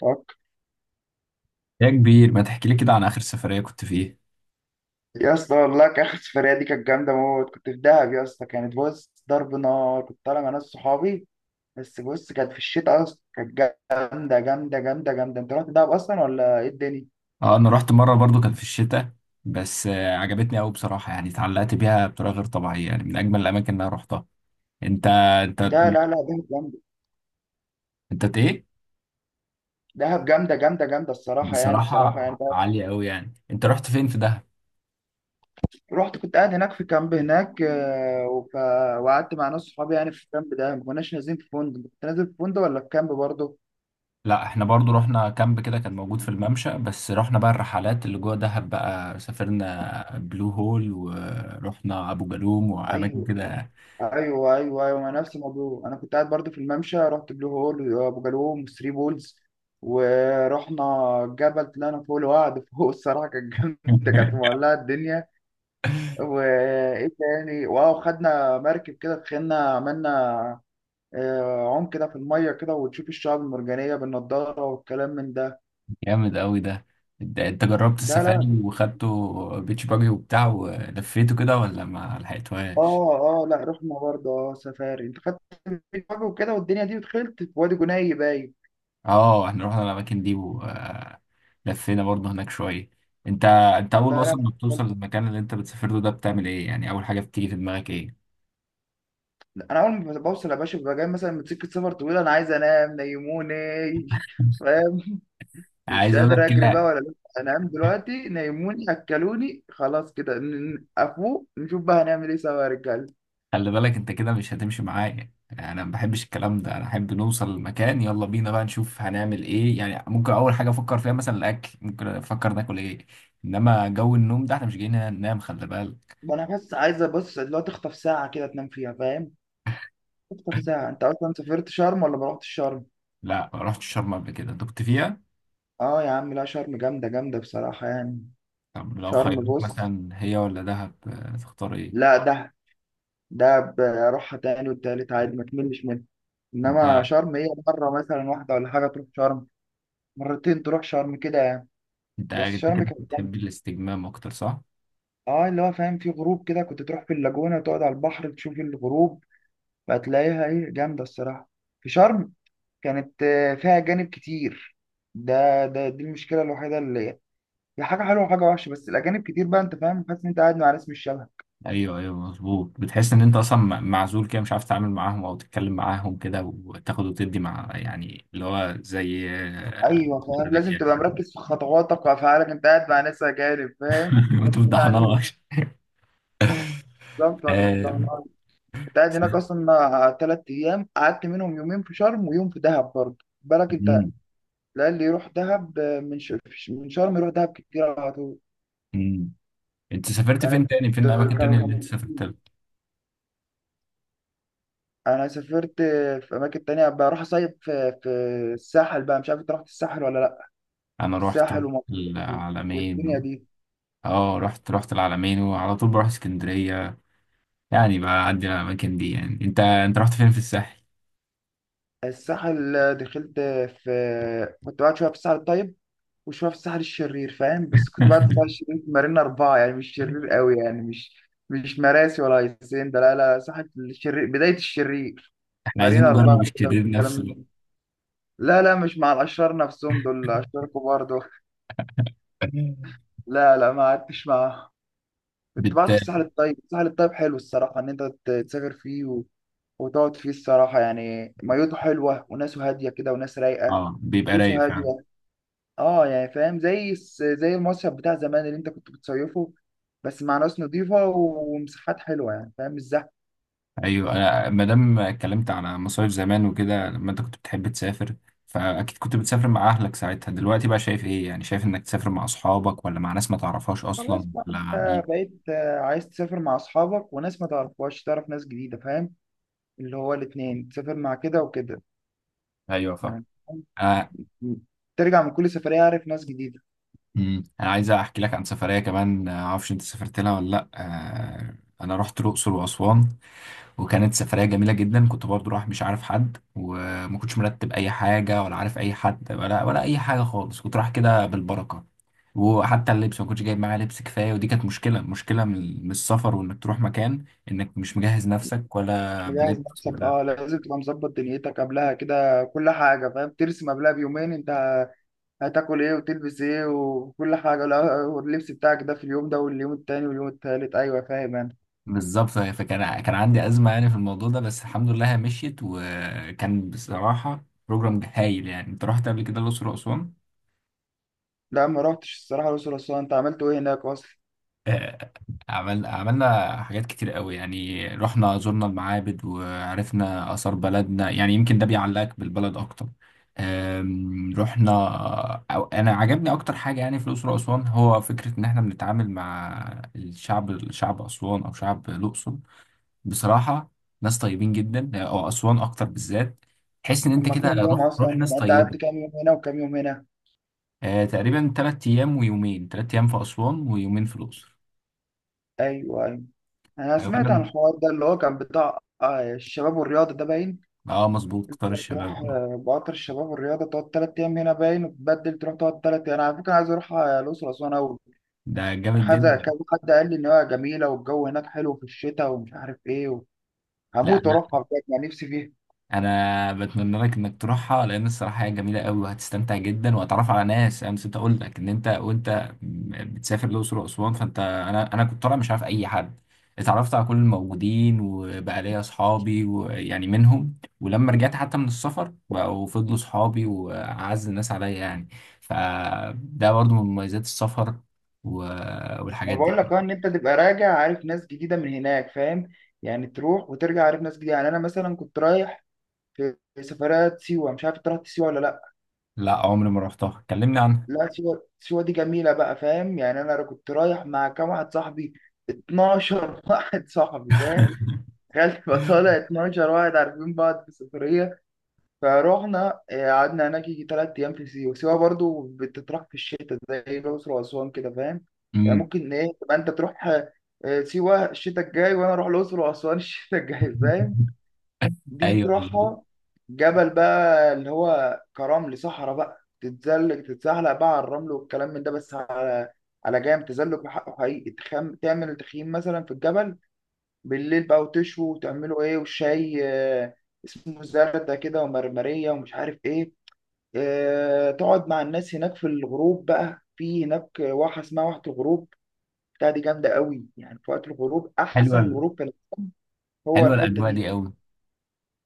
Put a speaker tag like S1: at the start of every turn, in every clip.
S1: طب،
S2: يا كبير، ما تحكي لي كده عن آخر سفرية كنت فيه؟
S1: يا اسطى والله كان اخر سفريه دي كانت جامده موت. كنت في دهب يا اسطى، كانت بص ضرب نار. كنت طالع مع ناس صحابي بس بص، كانت في الشتاء اصلا. كانت جامده جامده جامده جامده. انت رحت دهب اصلا ولا ايه الدنيا؟
S2: اه، انا رحت مرة برضو كان في الشتاء. بس عجبتني قوي بصراحة، يعني اتعلقت بيها بطريقة غير طبيعية، يعني من اجمل الاماكن اللي انا رحتها. انت انت
S1: ده لا لا، دهب جامده.
S2: انت ايه؟
S1: دهب جامده جامده جامده الصراحه، يعني
S2: بصراحة
S1: بصراحه يعني دهب.
S2: عالية قوي. يعني انت رحت فين في دهب؟
S1: رحت كنت قاعد هناك في كامب هناك، وقعدت مع ناس صحابي يعني في الكامب ده. ما كناش نازلين في فندق، كنت نازل في فندق ولا في كامب برضه؟
S2: لا، احنا برضو رحنا كامب كده، كان موجود في الممشى، بس رحنا بقى الرحلات اللي جوه دهب، بقى سافرنا بلو هول ورحنا ابو جالوم واماكن
S1: ايوه
S2: كده.
S1: ايوه ايوه ايوه، ما نفس الموضوع. انا كنت قاعد برضو في الممشى، رحت بلو هول وابو جالوم وثري بولز ورحنا جبل، طلعنا فوق الوعد فوق. الصراحه كانت جامده، كانت مولعه الدنيا. وايه تاني، واو خدنا مركب كده، دخلنا عملنا عوم كده في الميه كده، وتشوف الشعاب المرجانيه بالنضاره والكلام من ده.
S2: جامد قوي ده. انت جربت
S1: ده لا
S2: السفاري وخدته بيتش باجي وبتاع ولفيته كده ولا ما لحقتوهاش؟
S1: اه لا رحنا برضه اه سفاري، انت خدت فيديو كده والدنيا دي، ودخلت في وادي جناي باين.
S2: اه، احنا رحنا الاماكن دي ولفينا برضه هناك شويه. انت انت اول
S1: لا لا،
S2: اصلا ما بتوصل للمكان اللي انت بتسافر له ده بتعمل ايه؟ يعني اول حاجه بتيجي في دماغك ايه؟
S1: انا اول ما بوصل يا باشا، ببقى جاي مثلا من سكه سفر طويله، انا عايز انام نيموني. فاهم؟ مش
S2: عايز اقول لك
S1: قادر اجري بقى
S2: كده،
S1: ولا لأ. انام دلوقتي نيموني اكلوني خلاص كده، افوق نشوف بقى هنعمل ايه سوا يا رجاله.
S2: خلي بالك انت كده مش هتمشي معايا. يعني انا ما بحبش الكلام ده، انا احب نوصل المكان، يلا بينا بقى نشوف هنعمل ايه، يعني ممكن اول حاجه افكر فيها مثلا الاكل، ممكن افكر ناكل ايه. انما جو النوم ده احنا مش جايين هنا ننام، خلي بالك.
S1: ما انا بس عايزه بص اللي هو تخطف ساعه كده تنام فيها، فاهم؟ تخطف ساعه. انت اصلا سافرت شرم ولا ما رحتش شرم؟
S2: لا، ما رحتش شرم قبل كده، انت كنت فيها.
S1: اه يا عم، لا شرم جامده جامده بصراحه يعني.
S2: طب لو
S1: شرم
S2: خيروك
S1: بص،
S2: مثلا هي ولا دهب، تختار ايه؟
S1: لا ده بروحها تاني والتالت عادي، ما تملش منها. انما
S2: انت
S1: شرم هي مره مثلا واحده ولا حاجه تروح شرم، مرتين تروح شرم كده يعني.
S2: انت
S1: بس
S2: انت
S1: شرم
S2: كده
S1: كانت
S2: بتحب
S1: جامده.
S2: الاستجمام اكتر، صح؟
S1: اه اللي هو فاهم، في غروب كده كنت تروح في اللاجونه تقعد على البحر تشوف الغروب. هتلاقيها ايه جامده الصراحه في شرم. كانت فيها اجانب كتير. ده دي المشكله الوحيده، اللي هي حاجه حلوه وحاجه وحشه. بس الاجانب كتير بقى، انت فاهم؟ حاسس ان انت قاعد مع ناس مش شبهك.
S2: ايوه، ايوه، مظبوط. بتحس ان انت اصلا معزول كده، مش عارف تتعامل معاهم او تتكلم معاهم كده وتاخد وتدي مع، يعني اللي هو زي
S1: ايوه فاهم، لازم تبقى
S2: الرجاله.
S1: مركز في خطواتك وافعالك، انت قاعد مع ناس اجانب فاهم
S2: انتوا
S1: مركزين
S2: بتضحنوا.
S1: عليه. بالظبط ما تتضررش. انت قاعد هناك اصلا ثلاث ايام، قعدت منهم يومين في شرم ويوم في دهب، برضه بالك انت. لا اللي يروح دهب من شرم يروح دهب كتير على طول.
S2: انت سافرت فين
S1: كانت
S2: تاني، فين الاماكن تاني اللي انت
S1: كان
S2: سافرت لها؟
S1: انا سافرت في اماكن تانية، بروح اصيف في الساحل بقى. مش عارف انت رحت الساحل ولا لا.
S2: انا رحت
S1: الساحل ومطروح
S2: العلمين
S1: والدنيا
S2: و...
S1: دي.
S2: اه، رحت العلمين وعلى طول بروح اسكندريه. يعني بعدي على الاماكن دي. يعني انت رحت فين في الساحل؟
S1: الساحل دخلت في، كنت قاعد شويه في الساحل الطيب وشويه في الساحل الشرير، فاهم؟ بس كنت بعد الساحل الشرير في مارينا اربعه، يعني مش شرير قوي يعني مش مراسي ولا ياسين، ده لا لا، ساحل الشرير بدايه الشرير.
S2: احنا عايزين
S1: مارينا اربعه
S2: نجرب
S1: كده
S2: الشرير
S1: والكلام
S2: نفسه
S1: من ده.
S2: بقى.
S1: لا لا مش مع الاشرار نفسهم، دول اشرار كبار دول. لا لا ما قعدتش معاهم. كنت
S2: بت
S1: بقعد في الساحل الطيب. الساحل الطيب حلو الصراحه، ان انت تسافر فيه وتقعد فيه الصراحه. يعني ميته حلوه وناسه هاديه كده وناس رايقه،
S2: اه، بيبقى رايق
S1: فلوسه
S2: فعلا.
S1: هاديه. اه يعني فاهم، زي زي المصيف بتاع زمان اللي انت كنت بتصيفه، بس مع ناس نظيفة ومساحات حلوة يعني فاهم، مش زحمة.
S2: ايوه، أنا ما دام اتكلمت على مصايف زمان وكده لما انت كنت بتحب تسافر، فاكيد كنت بتسافر مع اهلك ساعتها. دلوقتي بقى شايف ايه؟ يعني شايف انك تسافر مع اصحابك ولا مع ناس ما تعرفهاش اصلا
S1: خلاص بقى،
S2: ولا مع
S1: انت
S2: مين؟
S1: بقيت عايز تسافر مع اصحابك وناس ما تعرفهاش، تعرف ناس جديدة فاهم؟ اللي هو الاتنين، تسافر مع كده وكده
S2: ايوه، فاهم.
S1: يعني.
S2: آه.
S1: فاهم؟ ترجع من كل سفرية عارف ناس جديدة.
S2: انا عايز احكي لك عن سفريه كمان، معرفش انت سافرت لها ولا لا. انا رحت الاقصر واسوان، وكانت سفرية جميلة جدا، كنت برضو رايح مش عارف حد، وما كنتش مرتب أي حاجة ولا عارف أي حد ولا أي حاجة خالص، كنت رايح كده بالبركة. وحتى اللبس ما كنتش جايب معايا لبس كفاية، ودي كانت مشكلة من السفر، وإنك تروح مكان إنك مش مجهز نفسك
S1: مش
S2: ولا
S1: مجهز
S2: بلبس
S1: نفسك،
S2: ولا
S1: اه لازم تبقى مظبط دنيتك قبلها كده كل حاجة فاهم. ترسم قبلها بيومين، انت هتاكل ايه وتلبس ايه وكل حاجة، لا واللبس بتاعك ده في اليوم ده واليوم التاني واليوم التالت، أيوة فاهم أنا.
S2: بالظبط، فكان كان عندي أزمة يعني في الموضوع ده، بس الحمد لله هي مشيت، وكان بصراحة بروجرام هايل. يعني أنت رحت قبل كده الأقصر وأسوان؟
S1: لا ما روحتش الصراحة. الأقصر وأسوان أنت عملت ايه هناك أصلا؟
S2: آه، عملنا حاجات كتير قوي، يعني رحنا زرنا المعابد وعرفنا آثار بلدنا، يعني يمكن ده بيعلقك بالبلد أكتر. رحنا، أو أنا عجبني أكتر حاجة يعني في الأقصر وأسوان هو فكرة إن إحنا بنتعامل مع الشعب أسوان أو شعب الأقصر. بصراحة ناس طيبين جدا، أو أسوان أكتر بالذات. تحس إن أنت
S1: أما
S2: كده
S1: كام يوم
S2: روح روح
S1: أصلا،
S2: ناس
S1: يعني أنت
S2: طيبة.
S1: قعدت كام يوم هنا وكام يوم هنا؟
S2: تقريبا 3 أيام ويومين، 3 أيام في أسوان ويومين في الأقصر.
S1: أيوة أيوة. أنا
S2: آه،
S1: سمعت عن
S2: كنا
S1: الحوار ده اللي هو كان بتاع الشباب والرياضة ده باين.
S2: اه، مظبوط،
S1: اللي
S2: قطار
S1: هو
S2: الشباب
S1: تروح
S2: والله.
S1: بقطر الشباب والرياضة، تقعد تلات أيام هنا باين وتبدل تروح تقعد تلات أيام. أنا على فكرة عايز أروح الأقصر وأسوان أوي.
S2: ده
S1: كان
S2: جامد
S1: حد
S2: جدا.
S1: كذا، حد قال لي إن هو جميلة والجو هناك حلو في الشتاء ومش عارف إيه.
S2: لا،
S1: هموت
S2: انا
S1: واروحها بجد، يعني نفسي فيها.
S2: انا بتمنى لك انك تروحها، لان الصراحه هي جميله قوي وهتستمتع جدا وهتعرف على ناس. انا نسيت اقول لك ان انت وانت بتسافر الاقصر واسوان، فانت انا كنت طالع مش عارف اي حد، اتعرفت على كل الموجودين وبقى ليا اصحابي ويعني منهم، ولما رجعت حتى من السفر بقوا فضلوا صحابي واعز الناس عليا يعني. فده برضو من مميزات السفر و-
S1: ما
S2: والحاجات
S1: بقول لك
S2: دي.
S1: ان انت تبقى راجع عارف ناس جديده من هناك فاهم؟ يعني تروح وترجع عارف ناس جديده. يعني انا مثلا كنت رايح في سفرات سيوه، مش عارف انت رحت سيوه ولا لا.
S2: لا، عمري ما رحتها، كلمني عنها.
S1: لا سيوه، سيوه دي جميله بقى فاهم. يعني انا كنت رايح مع كام واحد صاحبي، 12 واحد صاحبي فاهم. تخيل تبقى طالع 12 واحد عارفين بعض في السفريه. فروحنا قعدنا هناك يجي تلات أيام في سيوة. سيوة برضو بتطرح في الشتاء زي الأقصر وأسوان كده فاهم. يعني
S2: مم.
S1: ممكن إيه تبقى أنت تروح سيوة الشتاء الجاي، وأنا أروح الأقصر وأسوان الشتاء الجاي فاهم. دي
S2: ايوه، مظبوط.
S1: تروحها جبل بقى اللي هو كرمل صحراء، بقى تتزلج تتزحلق بقى على الرمل والكلام من ده، بس على على جام تزلج بحقه حقيقي. تعمل تخييم مثلا في الجبل بالليل بقى، وتشوي وتعملوا إيه، وشاي اسمه زردة كده ومرمرية ومش عارف إيه. تقعد مع الناس هناك في الغروب بقى، في هناك واحة اسمها واحة الغروب بتاع. دي جامدة قوي يعني في وقت الغروب،
S2: حلوه
S1: أحسن
S2: ال-
S1: غروب في العالم هو
S2: حلوه
S1: الحتة
S2: الاجواء
S1: دي.
S2: دي قوي.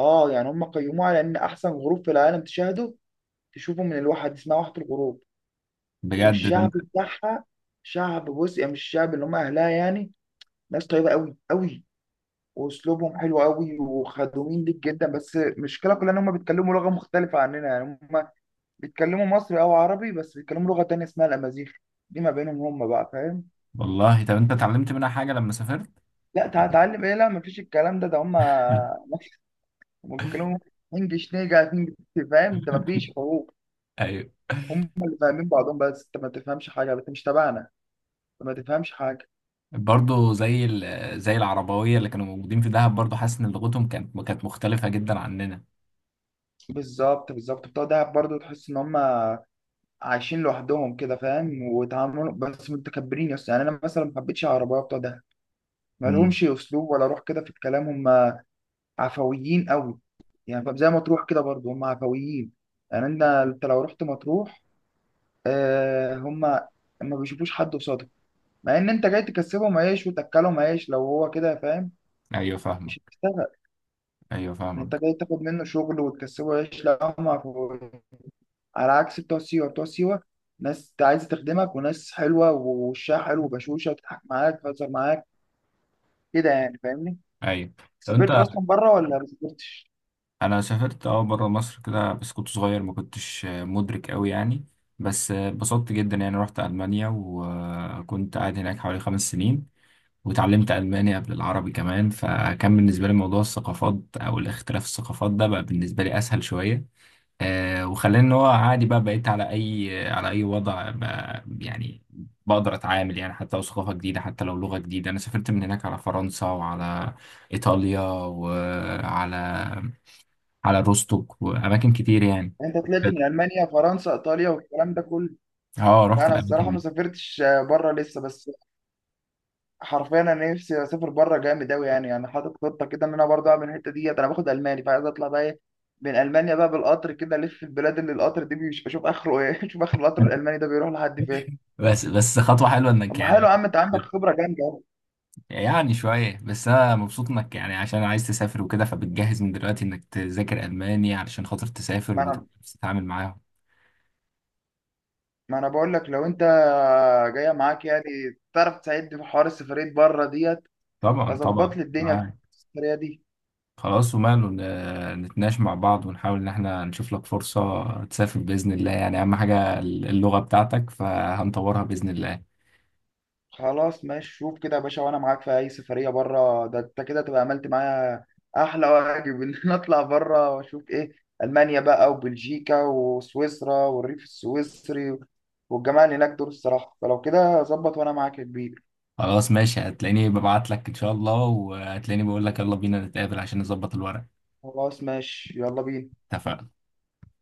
S1: اه يعني هم قيموها على إن أحسن غروب في العالم تشاهده، تشوفه من الواحة دي اسمها واحة الغروب.
S2: بجد ده
S1: والشعب
S2: انت،
S1: بتاعها، شعب بص يعني مش الشعب اللي هم أهلها يعني. ناس طيبة قوي قوي، وأسلوبهم حلو قوي وخدومين ليك جدا. بس المشكلة كلها إن هم بيتكلموا لغة مختلفة عننا، يعني هم بيتكلموا مصري او عربي بس بيتكلموا لغه تانية اسمها الامازيغ، دي ما بينهم هم بقى فاهم.
S2: والله. طب انت اتعلمت منها حاجه لما سافرت؟
S1: لا تعلم ايه، لا مفيش الكلام ده، ده هم هم بيتكلموا انجلش نيجا انجلش فاهم. انت مفيش حروف،
S2: ايوه،
S1: هم اللي فاهمين بعضهم بس انت ما تفهمش حاجه، انت مش تبعنا، انت ما تفهمش حاجه.
S2: برضه زي العربويه اللي كانوا موجودين في دهب، برضه حاسس ان لغتهم كانت مختلفه جدا عننا.
S1: بالظبط بالظبط، بتوع دهب برضه تحس ان هم عايشين لوحدهم كده فاهم، وتعاملهم بس متكبرين يس يعني. انا مثلا ما حبيتش العربيه بتوع دهب، ما
S2: مم.
S1: لهمش اسلوب ولا روح كده في الكلام. هم عفويين قوي، يعني فاهم؟ زي مطروح كده برضو هم عفويين. يعني انت انت لو رحت مطروح، آه هم ما بيشوفوش حد قصادك، مع ان انت جاي تكسبهم عيش وتاكلهم عيش لو هو كده فاهم.
S2: ايوه،
S1: مش
S2: فاهمك.
S1: هتشتغل،
S2: ايوه،
S1: يعني انت
S2: فاهمك.
S1: جاي تاخد منه شغل وتكسبه عيش. لا هم عفويين على عكس بتوع سيوه. بتوع سيوه ناس انت عايز تخدمك، وناس حلوه ووشها حلو وبشوشه، وتضحك معاك تهزر معاك كده، يعني فاهمني.
S2: ايوه، لو انت
S1: سافرت اصلا بره ولا ما سافرتش؟
S2: انا سافرت بره مصر كده، بس كنت صغير ما كنتش مدرك قوي يعني. بس اتبسطت جدا يعني، رحت المانيا وكنت قاعد هناك حوالي 5 سنين، واتعلمت ألماني قبل العربي كمان. فكان بالنسبة لي موضوع الثقافات أو الاختلاف الثقافات ده بقى بالنسبة لي أسهل شوية. وخلاني إن هو عادي بقى، بقيت على أي وضع بقى يعني، بقدر أتعامل، يعني حتى لو ثقافة جديدة حتى لو لغة جديدة. أنا سافرت من هناك على فرنسا وعلى إيطاليا وعلى روستوك وأماكن كتير يعني.
S1: يعني انت طلعت من المانيا فرنسا ايطاليا والكلام ده كله.
S2: اه، رحت
S1: انا الصراحه
S2: الأماكن
S1: ما
S2: دي.
S1: سافرتش بره لسه. بس حرفيا انا نفسي اسافر بره جامد قوي، يعني يعني حاطط خطه كده ان انا برضه اعمل الحته ديت. انا باخد الماني، فعايز اطلع بقى ايه من المانيا بقى بالقطر كده، الف في البلاد اللي القطر دي مش بشوف اخره ايه اشوف اخر القطر الالماني ده بيروح لحد فين.
S2: بس خطوة حلوة
S1: طب
S2: إنك
S1: ما
S2: يعني.
S1: حلو يا عم، انت عندك خبره جامده أهو.
S2: يعني شوية، بس أنا مبسوط إنك يعني عشان عايز تسافر وكده، فبتجهز من دلوقتي إنك تذاكر ألماني علشان خاطر تسافر
S1: ما انا
S2: وتتعامل معاهم.
S1: ما انا بقول لك لو انت جايه معاك يعني، تعرف تساعدني في حوار السفريه بره ديت،
S2: طبعا،
S1: فظبط
S2: طبعا،
S1: لي الدنيا في
S2: معاك.
S1: السفريه دي.
S2: خلاص وماله، نتناقش مع بعض ونحاول إن إحنا نشوف لك فرصة تسافر بإذن الله، يعني أهم حاجة اللغة بتاعتك فهنطورها بإذن الله.
S1: خلاص ماشي، شوف كده يا باشا. وانا معاك في اي سفريه بره، ده انت كده تبقى عملت معايا احلى واجب ان انا اطلع بره واشوف ايه. المانيا بقى وبلجيكا وسويسرا والريف السويسري والجماعه اللي هناك دول الصراحه. فلو كده ظبط وانا معاك يا كبير.
S2: خلاص ماشي، هتلاقيني ببعت لك إن شاء الله، وهتلاقيني بقول لك يلا بينا نتقابل عشان نظبط الورق.
S1: خلاص ماشي يلا بينا.
S2: اتفقنا.